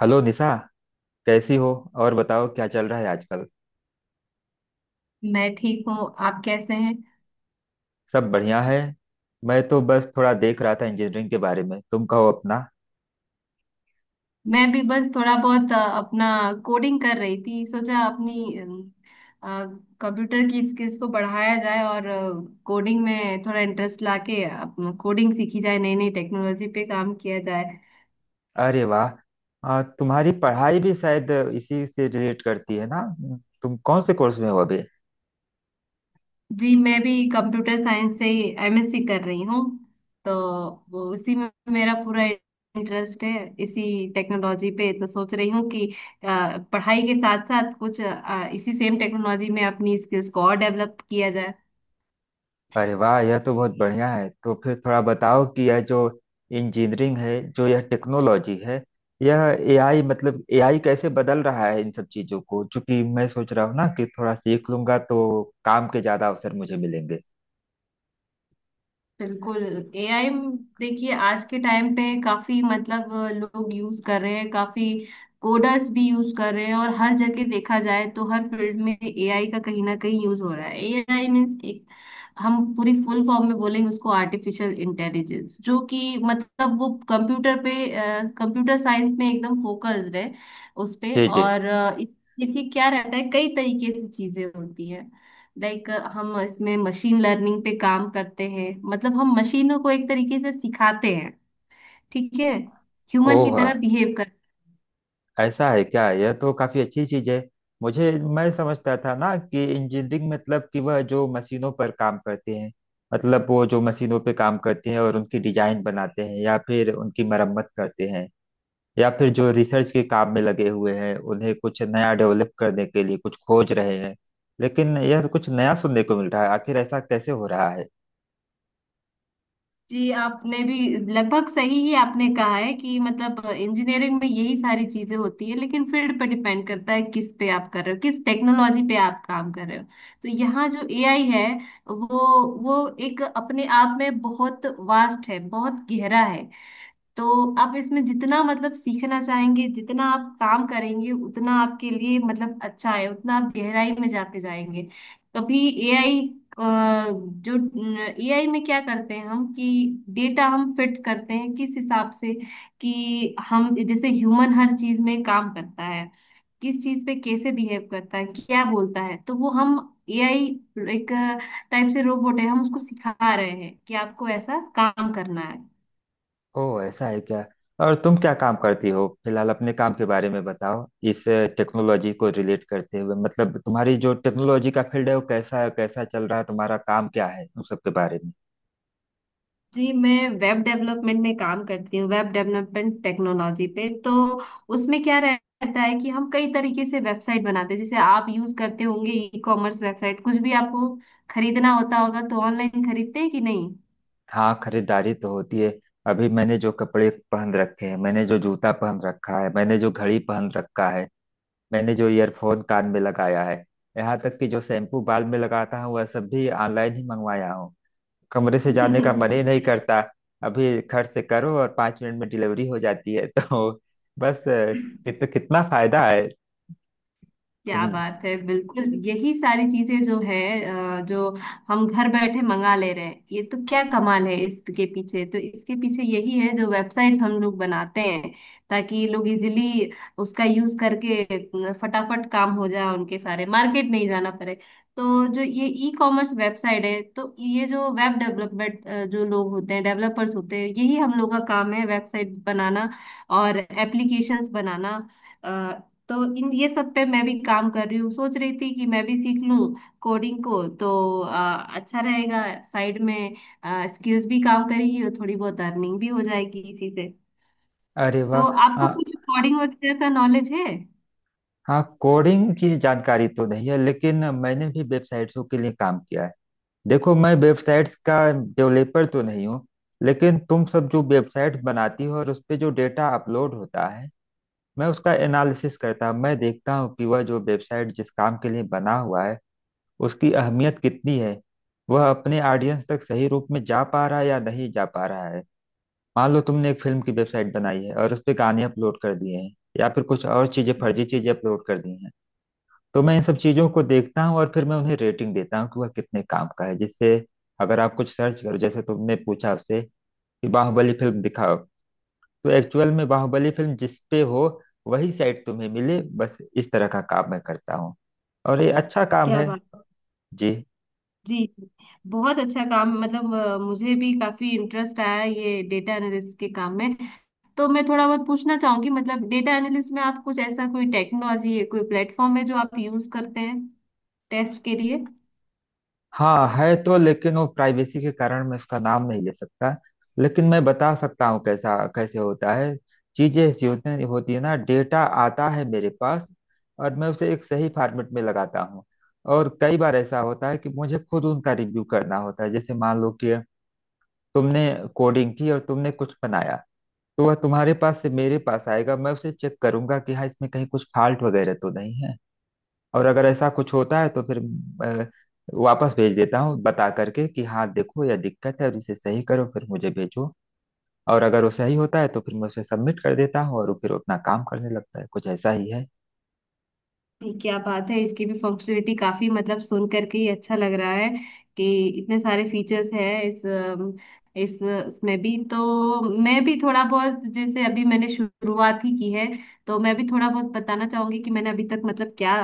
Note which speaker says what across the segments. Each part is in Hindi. Speaker 1: हेलो निशा। कैसी हो? और बताओ क्या चल रहा है आजकल?
Speaker 2: मैं ठीक हूँ। आप कैसे हैं?
Speaker 1: सब बढ़िया है। मैं तो बस थोड़ा देख रहा था इंजीनियरिंग के बारे में। तुम कहो अपना।
Speaker 2: मैं भी बस थोड़ा बहुत अपना कोडिंग कर रही थी। सोचा अपनी कंप्यूटर की स्किल्स को बढ़ाया जाए और कोडिंग में थोड़ा इंटरेस्ट लाके अपना कोडिंग सीखी जाए, नई नई टेक्नोलॉजी पे काम किया जाए।
Speaker 1: अरे वाह। तुम्हारी पढ़ाई भी शायद इसी से रिलेट करती है ना? तुम कौन से कोर्स में हो अभी?
Speaker 2: जी, मैं भी कंप्यूटर साइंस से एमएससी कर रही हूँ। तो वो उसी में मेरा पूरा इंटरेस्ट है, इसी टेक्नोलॉजी पे। तो सोच रही हूँ कि पढ़ाई के साथ साथ कुछ इसी सेम टेक्नोलॉजी में अपनी स्किल्स को और डेवलप किया।
Speaker 1: अरे वाह, यह तो बहुत बढ़िया है। तो फिर थोड़ा बताओ कि यह जो इंजीनियरिंग है, जो यह टेक्नोलॉजी है, यह एआई, मतलब एआई कैसे बदल रहा है इन सब चीजों को, क्योंकि मैं सोच रहा हूँ ना कि थोड़ा सीख लूंगा तो काम के ज्यादा अवसर मुझे मिलेंगे।
Speaker 2: बिल्कुल। एआई, देखिए आज के टाइम पे काफी मतलब लोग यूज कर रहे हैं, काफी कोडर्स भी यूज कर रहे हैं और हर जगह देखा जाए तो हर फील्ड में एआई का कहीं ना कहीं यूज हो रहा है। एआई मीन्स एक, हम पूरी फुल फॉर्म में बोलेंगे उसको आर्टिफिशियल इंटेलिजेंस, जो कि मतलब वो कंप्यूटर पे, कंप्यूटर साइंस में एकदम फोकस्ड है उस पे।
Speaker 1: जी जी।
Speaker 2: और देखिए क्या रहता है, कई तरीके से चीजें होती है। लाइक हम इसमें मशीन लर्निंग पे काम करते हैं, मतलब हम मशीनों को एक तरीके से सिखाते हैं, ठीक है, ह्यूमन की
Speaker 1: ओह,
Speaker 2: तरह बिहेव कर।
Speaker 1: ऐसा है क्या? यह तो काफी अच्छी चीज है। मुझे, मैं समझता था ना कि इंजीनियरिंग मतलब कि वह जो मशीनों पर काम करते हैं, मतलब वो जो मशीनों पे काम करते हैं और उनकी डिजाइन बनाते हैं या फिर उनकी मरम्मत करते हैं, या फिर जो रिसर्च के काम में लगे हुए हैं उन्हें कुछ नया डेवलप करने के लिए कुछ खोज रहे हैं। लेकिन यह तो कुछ नया सुनने को मिल रहा है। आखिर ऐसा कैसे हो रहा है?
Speaker 2: जी, आपने भी लगभग सही ही आपने कहा है कि मतलब इंजीनियरिंग में यही सारी चीजें होती है, लेकिन फील्ड पे डिपेंड करता है किस पे आप कर रहे हो, किस टेक्नोलॉजी पे आप काम कर रहे हो। तो यहाँ जो एआई है, वो वो एक अपने आप में बहुत वास्ट है, बहुत गहरा है। तो आप इसमें जितना मतलब सीखना चाहेंगे, जितना आप काम करेंगे, उतना आपके लिए मतलब अच्छा है, उतना आप गहराई में जाते जाएंगे। कभी एआई जो, एआई में क्या करते हैं हम कि डेटा हम फिट करते हैं किस हिसाब से कि हम जैसे ह्यूमन हर चीज में काम करता है, किस चीज पे कैसे बिहेव करता है, क्या बोलता है, तो वो हम एआई एक टाइप से रोबोट है, हम उसको सिखा रहे हैं कि आपको ऐसा काम करना है।
Speaker 1: ओह, ऐसा है क्या? और तुम क्या काम करती हो फिलहाल? अपने काम के बारे में बताओ। इस टेक्नोलॉजी को रिलेट करते हुए, मतलब तुम्हारी जो टेक्नोलॉजी का फील्ड है, वो कैसा है, कैसा चल रहा है, तुम्हारा काम क्या है, उन सब के बारे में।
Speaker 2: जी, मैं वेब डेवलपमेंट में काम करती हूँ, वेब डेवलपमेंट टेक्नोलॉजी पे। तो उसमें क्या रहता है कि हम कई तरीके से वेबसाइट बनाते हैं। जैसे आप यूज करते होंगे ई कॉमर्स वेबसाइट, कुछ भी आपको खरीदना होता होगा तो ऑनलाइन खरीदते हैं कि नहीं?
Speaker 1: हाँ, खरीदारी तो होती है। अभी मैंने जो कपड़े पहन रखे हैं, मैंने जो जूता पहन रखा है, मैंने जो घड़ी पहन रखा है, मैंने जो ईयरफोन कान में लगाया है, यहाँ तक कि जो शैम्पू बाल में लगाता हूँ, वह सब भी ऑनलाइन ही मंगवाया हूँ। कमरे से जाने का मन ही नहीं करता। अभी खर्च से करो और 5 मिनट में डिलीवरी हो जाती है तो बस कितना फायदा है।
Speaker 2: क्या
Speaker 1: तुम।
Speaker 2: बात है, बिल्कुल यही सारी चीजें जो है, जो हम घर बैठे मंगा ले रहे हैं, ये तो क्या कमाल है इसके पीछे। तो इसके पीछे यही है, जो वेबसाइट हम लोग बनाते हैं ताकि लोग इजीली उसका यूज करके फटाफट काम हो जाए, उनके सारे मार्केट नहीं जाना पड़े। तो जो ये ई कॉमर्स वेबसाइट है, तो ये जो वेब डेवलपमेंट, जो लोग होते हैं डेवलपर्स होते हैं, यही हम लोग का काम है, वेबसाइट बनाना और एप्लीकेशंस बनाना। तो इन ये सब पे मैं भी काम कर रही हूँ, सोच रही थी कि मैं भी सीख लूँ कोडिंग को, तो अच्छा रहेगा। साइड में स्किल्स भी काम करेगी और थोड़ी बहुत अर्निंग भी हो जाएगी इसी से।
Speaker 1: अरे वाह।
Speaker 2: तो आपको
Speaker 1: हाँ
Speaker 2: कुछ कोडिंग वगैरह का नॉलेज है?
Speaker 1: हाँ, कोडिंग की जानकारी तो नहीं है लेकिन मैंने भी वेबसाइट्सों के लिए काम किया है। देखो, मैं वेबसाइट्स का डेवलपर तो नहीं हूँ, लेकिन तुम सब जो वेबसाइट बनाती हो और उस पे जो डेटा अपलोड होता है, मैं उसका एनालिसिस करता हूँ। मैं देखता हूँ कि वह जो वेबसाइट जिस काम के लिए बना हुआ है, उसकी अहमियत कितनी है, वह अपने ऑडियंस तक सही रूप में जा पा रहा है या नहीं जा पा रहा है। मान लो तुमने एक फिल्म की वेबसाइट बनाई है और उस पर गाने अपलोड कर दिए हैं, या फिर कुछ और चीजें, फर्जी चीजें अपलोड कर दी हैं, तो मैं इन सब चीजों को देखता हूँ और फिर मैं उन्हें रेटिंग देता हूँ कि वह कितने काम का है, जिससे अगर आप कुछ सर्च करो, जैसे तुमने पूछा उससे कि बाहुबली फिल्म दिखाओ, तो एक्चुअल में बाहुबली फिल्म जिस पे हो वही साइट तुम्हें मिले। बस इस तरह का काम मैं करता हूँ। और ये अच्छा काम
Speaker 2: क्या
Speaker 1: है।
Speaker 2: बात,
Speaker 1: जी।
Speaker 2: जी जी। बहुत अच्छा काम, मतलब मुझे भी काफी इंटरेस्ट आया है ये डेटा एनालिस्ट के काम में। तो मैं थोड़ा बहुत पूछना चाहूंगी मतलब डेटा एनालिस्ट में आप कुछ ऐसा कोई टेक्नोलॉजी है, कोई प्लेटफॉर्म है जो आप यूज करते हैं टेस्ट के लिए?
Speaker 1: हाँ, है तो, लेकिन वो प्राइवेसी के कारण मैं उसका नाम नहीं ले सकता। लेकिन मैं बता सकता हूँ कैसा, कैसे होता है। चीजें ऐसी होती है ना, डेटा आता है मेरे पास और मैं उसे एक सही फॉर्मेट में लगाता हूँ। और कई बार ऐसा होता है कि मुझे खुद उनका रिव्यू करना होता है। जैसे मान लो कि तुमने कोडिंग की और तुमने कुछ बनाया, तो वह तुम्हारे पास से मेरे पास आएगा, मैं उसे चेक करूंगा कि हाँ इसमें कहीं कुछ फॉल्ट वगैरह तो नहीं है। और अगर ऐसा कुछ होता है तो फिर अ, वापस भेज देता हूँ बता करके कि हाँ देखो यह दिक्कत है और इसे सही करो फिर मुझे भेजो। और अगर वो सही होता है तो फिर मैं उसे सबमिट कर देता हूँ और वो फिर अपना काम करने लगता है। कुछ ऐसा ही है।
Speaker 2: ये क्या बात है, इसकी भी फंक्शनलिटी काफी, मतलब सुन करके ही अच्छा लग रहा है कि इतने सारे फीचर्स हैं इस इसमें भी। तो मैं भी थोड़ा बहुत, जैसे अभी मैंने शुरुआत ही की है, तो मैं भी थोड़ा बहुत बताना चाहूंगी कि मैंने अभी तक मतलब क्या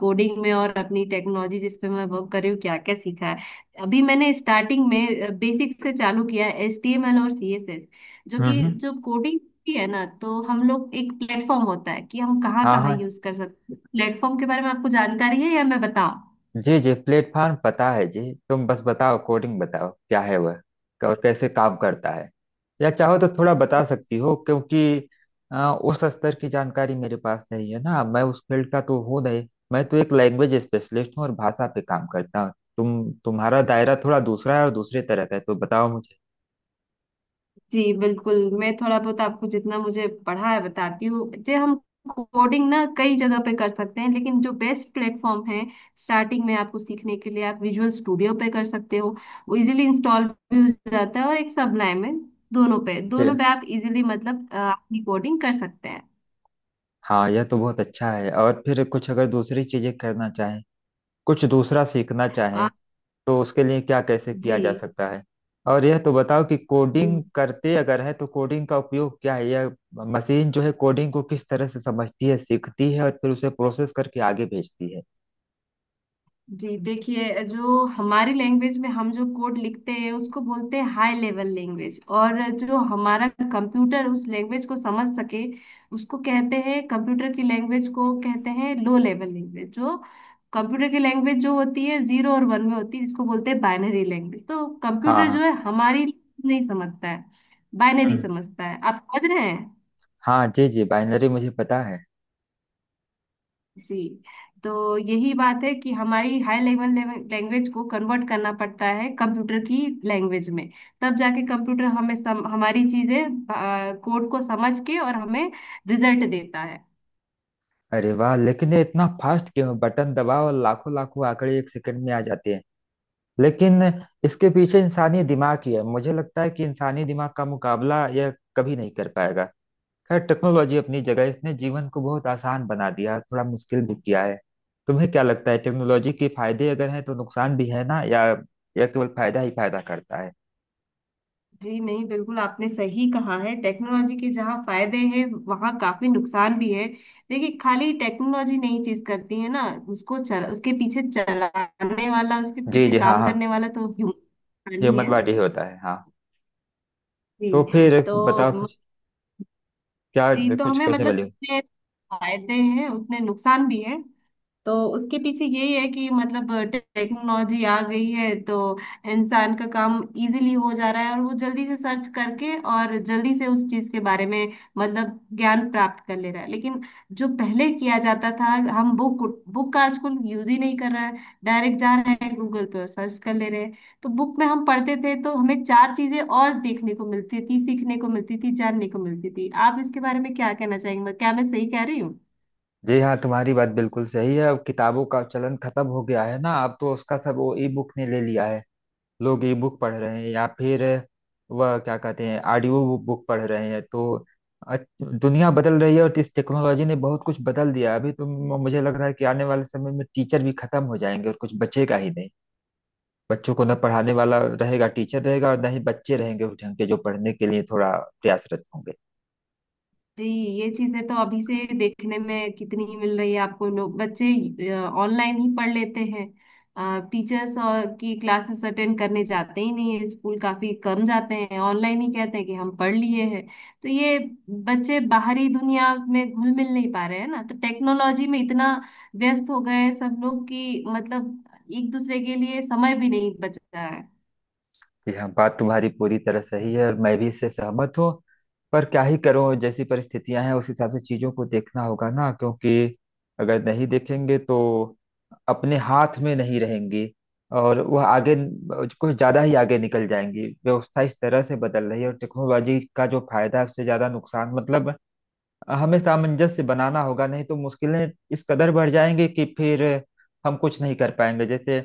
Speaker 2: कोडिंग में और अपनी टेक्नोलॉजी जिस पे मैं वर्क कर रही हूँ क्या क्या सीखा है। अभी मैंने स्टार्टिंग में बेसिक से चालू किया है एचटीएमएल और सीएसएस। जो कि
Speaker 1: हम्म।
Speaker 2: जो कोडिंग होती है ना, तो हम लोग एक प्लेटफॉर्म होता है कि हम कहाँ
Speaker 1: हाँ
Speaker 2: कहाँ
Speaker 1: हाँ।
Speaker 2: यूज कर सकते, प्लेटफॉर्म के बारे में आपको जानकारी है या मैं बताऊं?
Speaker 1: जी जी, प्लेटफॉर्म पता है जी। तुम बस बताओ, कोडिंग बताओ क्या है वह, और कैसे काम करता है। या चाहो तो थोड़ा बता सकती हो, क्योंकि अ, उस स्तर की जानकारी मेरे पास नहीं है ना। मैं उस फील्ड का तो हूँ नहीं। मैं तो एक लैंग्वेज स्पेशलिस्ट हूँ और भाषा पे काम करता हूँ। तुम्हारा दायरा थोड़ा दूसरा है और दूसरे तरह का है, तो बताओ मुझे।
Speaker 2: जी बिल्कुल, मैं थोड़ा बहुत आपको जितना मुझे पढ़ा है बताती हूँ। जे हम कोडिंग ना कई जगह पे कर सकते हैं लेकिन जो बेस्ट प्लेटफॉर्म है स्टार्टिंग में आपको सीखने के लिए, आप विजुअल स्टूडियो पे कर सकते हो। वो इजीली इंस्टॉल भी हो जाता है, और एक सबलाइन में, दोनों पे,
Speaker 1: जी
Speaker 2: दोनों पे आप इजीली मतलब अपनी कोडिंग कर सकते हैं।
Speaker 1: हाँ, यह तो बहुत अच्छा है। और फिर कुछ अगर दूसरी चीजें करना चाहें, कुछ दूसरा सीखना चाहें,
Speaker 2: अ,
Speaker 1: तो उसके लिए क्या कैसे
Speaker 2: जी,
Speaker 1: किया जा सकता है? और यह तो बताओ कि कोडिंग करते अगर है तो कोडिंग का उपयोग क्या है? यह मशीन जो है कोडिंग को किस तरह से समझती है, सीखती है और फिर उसे प्रोसेस करके आगे भेजती है?
Speaker 2: जी, देखिए, जो हमारी लैंग्वेज में हम जो कोड लिखते हैं उसको बोलते हैं हाई लेवल लैंग्वेज, और जो हमारा कंप्यूटर उस लैंग्वेज को समझ सके, उसको कहते हैं कंप्यूटर की लैंग्वेज को कहते हैं लो लेवल लैंग्वेज। जो कंप्यूटर की लैंग्वेज जो होती है जीरो और वन में होती है, जिसको बोलते हैं बाइनरी लैंग्वेज। तो
Speaker 1: हाँ
Speaker 2: कंप्यूटर जो
Speaker 1: हाँ।
Speaker 2: है हमारी नहीं समझता है, बाइनरी
Speaker 1: हम्म।
Speaker 2: समझता है, आप समझ रहे हैं?
Speaker 1: हाँ जी जी, बाइनरी मुझे पता है।
Speaker 2: जी। तो यही बात है कि हमारी हाई लेवल लैंग्वेज को कन्वर्ट करना पड़ता है कंप्यूटर की लैंग्वेज में, तब जाके कंप्यूटर हमें हमारी चीजें, कोड को समझ के और हमें रिजल्ट देता है।
Speaker 1: अरे वाह, लेकिन ये इतना फास्ट क्यों है? बटन दबाओ और लाखों लाखों आंकड़े 1 सेकंड में आ जाते हैं। लेकिन इसके पीछे इंसानी दिमाग ही है। मुझे लगता है कि इंसानी दिमाग का मुकाबला यह कभी नहीं कर पाएगा। खैर, टेक्नोलॉजी अपनी जगह है, इसने जीवन को बहुत आसान बना दिया, थोड़ा मुश्किल भी किया है। तुम्हें क्या लगता है, टेक्नोलॉजी के फायदे अगर हैं तो नुकसान भी है ना? या केवल फायदा ही फायदा करता है?
Speaker 2: जी नहीं, बिल्कुल आपने सही कहा है, टेक्नोलॉजी के जहाँ फायदे हैं वहाँ काफी नुकसान भी है। देखिए, खाली टेक्नोलॉजी नई चीज करती है ना, उसको चल उसके पीछे चलाने वाला, उसके
Speaker 1: जी
Speaker 2: पीछे
Speaker 1: जी। हाँ
Speaker 2: काम
Speaker 1: हाँ,
Speaker 2: करने वाला तो ह्यूमन ही
Speaker 1: ह्यूमन
Speaker 2: है।
Speaker 1: बॉडी ही होता है हाँ।
Speaker 2: जी।
Speaker 1: तो फिर बताओ
Speaker 2: तो
Speaker 1: कुछ। क्या
Speaker 2: जी तो
Speaker 1: कुछ
Speaker 2: हमें
Speaker 1: कहने
Speaker 2: मतलब
Speaker 1: वाली हो?
Speaker 2: जितने फायदे हैं उतने नुकसान भी है। तो उसके पीछे यही है कि मतलब टेक्नोलॉजी आ गई है तो इंसान का काम इजीली हो जा रहा है, और वो जल्दी से सर्च करके और जल्दी से उस चीज के बारे में मतलब ज्ञान प्राप्त कर ले रहा है। लेकिन जो पहले किया जाता था, हम बुक बुक का आजकल यूज ही नहीं कर रहा है, डायरेक्ट जा रहे हैं गूगल पे और सर्च कर ले रहे हैं। तो बुक में हम पढ़ते थे तो हमें चार चीजें और देखने को मिलती थी, सीखने को मिलती थी, जानने को मिलती थी। आप इसके बारे में क्या कहना चाहेंगे, क्या मैं सही कह रही हूँ?
Speaker 1: जी हाँ, तुम्हारी बात बिल्कुल सही है। अब किताबों का चलन खत्म हो गया है ना। अब तो उसका सब वो ई बुक ने ले लिया है। लोग ई बुक पढ़ रहे हैं या फिर वह क्या कहते हैं, ऑडियो बुक पढ़ रहे हैं। तो अ- दुनिया बदल रही है और इस टेक्नोलॉजी ने बहुत कुछ बदल दिया। अभी तो मुझे लग रहा है कि आने वाले समय में टीचर भी खत्म हो जाएंगे और कुछ बचेगा ही नहीं। बच्चों को न पढ़ाने वाला रहेगा टीचर रहेगा और न ही बच्चे रहेंगे उस ढंग के जो पढ़ने के लिए थोड़ा प्रयासरत होंगे।
Speaker 2: जी, ये चीजें तो अभी से देखने में कितनी ही मिल रही है आपको। लोग, बच्चे ऑनलाइन ही पढ़ लेते हैं, टीचर्स और की क्लासेस अटेंड करने जाते ही नहीं है, स्कूल काफी कम जाते हैं, ऑनलाइन ही कहते हैं कि हम पढ़ लिए हैं। तो ये बच्चे बाहरी दुनिया में घुल मिल नहीं पा रहे हैं ना। तो टेक्नोलॉजी में इतना व्यस्त हो गए हैं सब लोग कि मतलब एक दूसरे के लिए समय भी नहीं बच रहा है।
Speaker 1: कि हाँ, बात तुम्हारी पूरी तरह सही है और मैं भी इससे सहमत हूँ। पर क्या ही करूँ, जैसी परिस्थितियां हैं उस हिसाब से चीजों को देखना होगा ना। क्योंकि अगर नहीं देखेंगे तो अपने हाथ में नहीं रहेंगी और वह आगे कुछ ज्यादा ही आगे निकल जाएंगी। व्यवस्था इस तरह से बदल रही है और टेक्नोलॉजी का जो फायदा है उससे ज्यादा नुकसान, मतलब हमें सामंजस्य बनाना होगा, नहीं तो मुश्किलें इस कदर बढ़ जाएंगी कि फिर हम कुछ नहीं कर पाएंगे। जैसे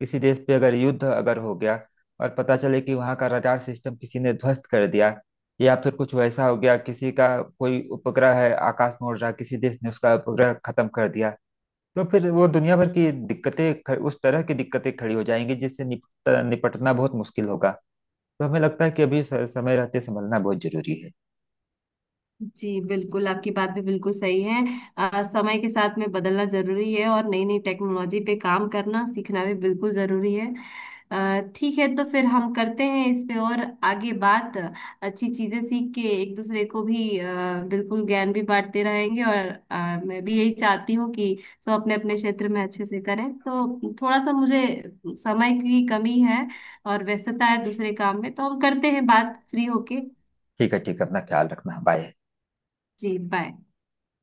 Speaker 1: किसी देश पे अगर युद्ध अगर हो गया और पता चले कि वहाँ का रडार सिस्टम किसी ने ध्वस्त कर दिया, या फिर कुछ वैसा हो गया किसी का, कोई उपग्रह है आकाश में उड़ रहा, किसी देश ने उसका उपग्रह खत्म कर दिया, तो फिर वो दुनिया भर की दिक्कतें उस तरह की दिक्कतें खड़ी हो जाएंगी जिससे निपटना बहुत मुश्किल होगा। तो हमें लगता है कि अभी समय रहते संभलना बहुत जरूरी है।
Speaker 2: जी बिल्कुल, आपकी बात भी बिल्कुल सही है। समय के साथ में बदलना जरूरी है और नई नई टेक्नोलॉजी पे काम करना सीखना भी बिल्कुल जरूरी है। ठीक है, तो फिर हम करते हैं इस पे और आगे बात, अच्छी चीजें सीख के एक दूसरे को भी बिल्कुल ज्ञान भी बांटते रहेंगे। और मैं भी यही चाहती हूँ कि सब अपने अपने क्षेत्र में अच्छे से करें। तो थोड़ा सा मुझे समय की कमी है और व्यस्तता है दूसरे काम में, तो हम करते हैं बात फ्री होके।
Speaker 1: ठीक है ठीक है, अपना ख्याल रखना, बाय।
Speaker 2: जी, बाय।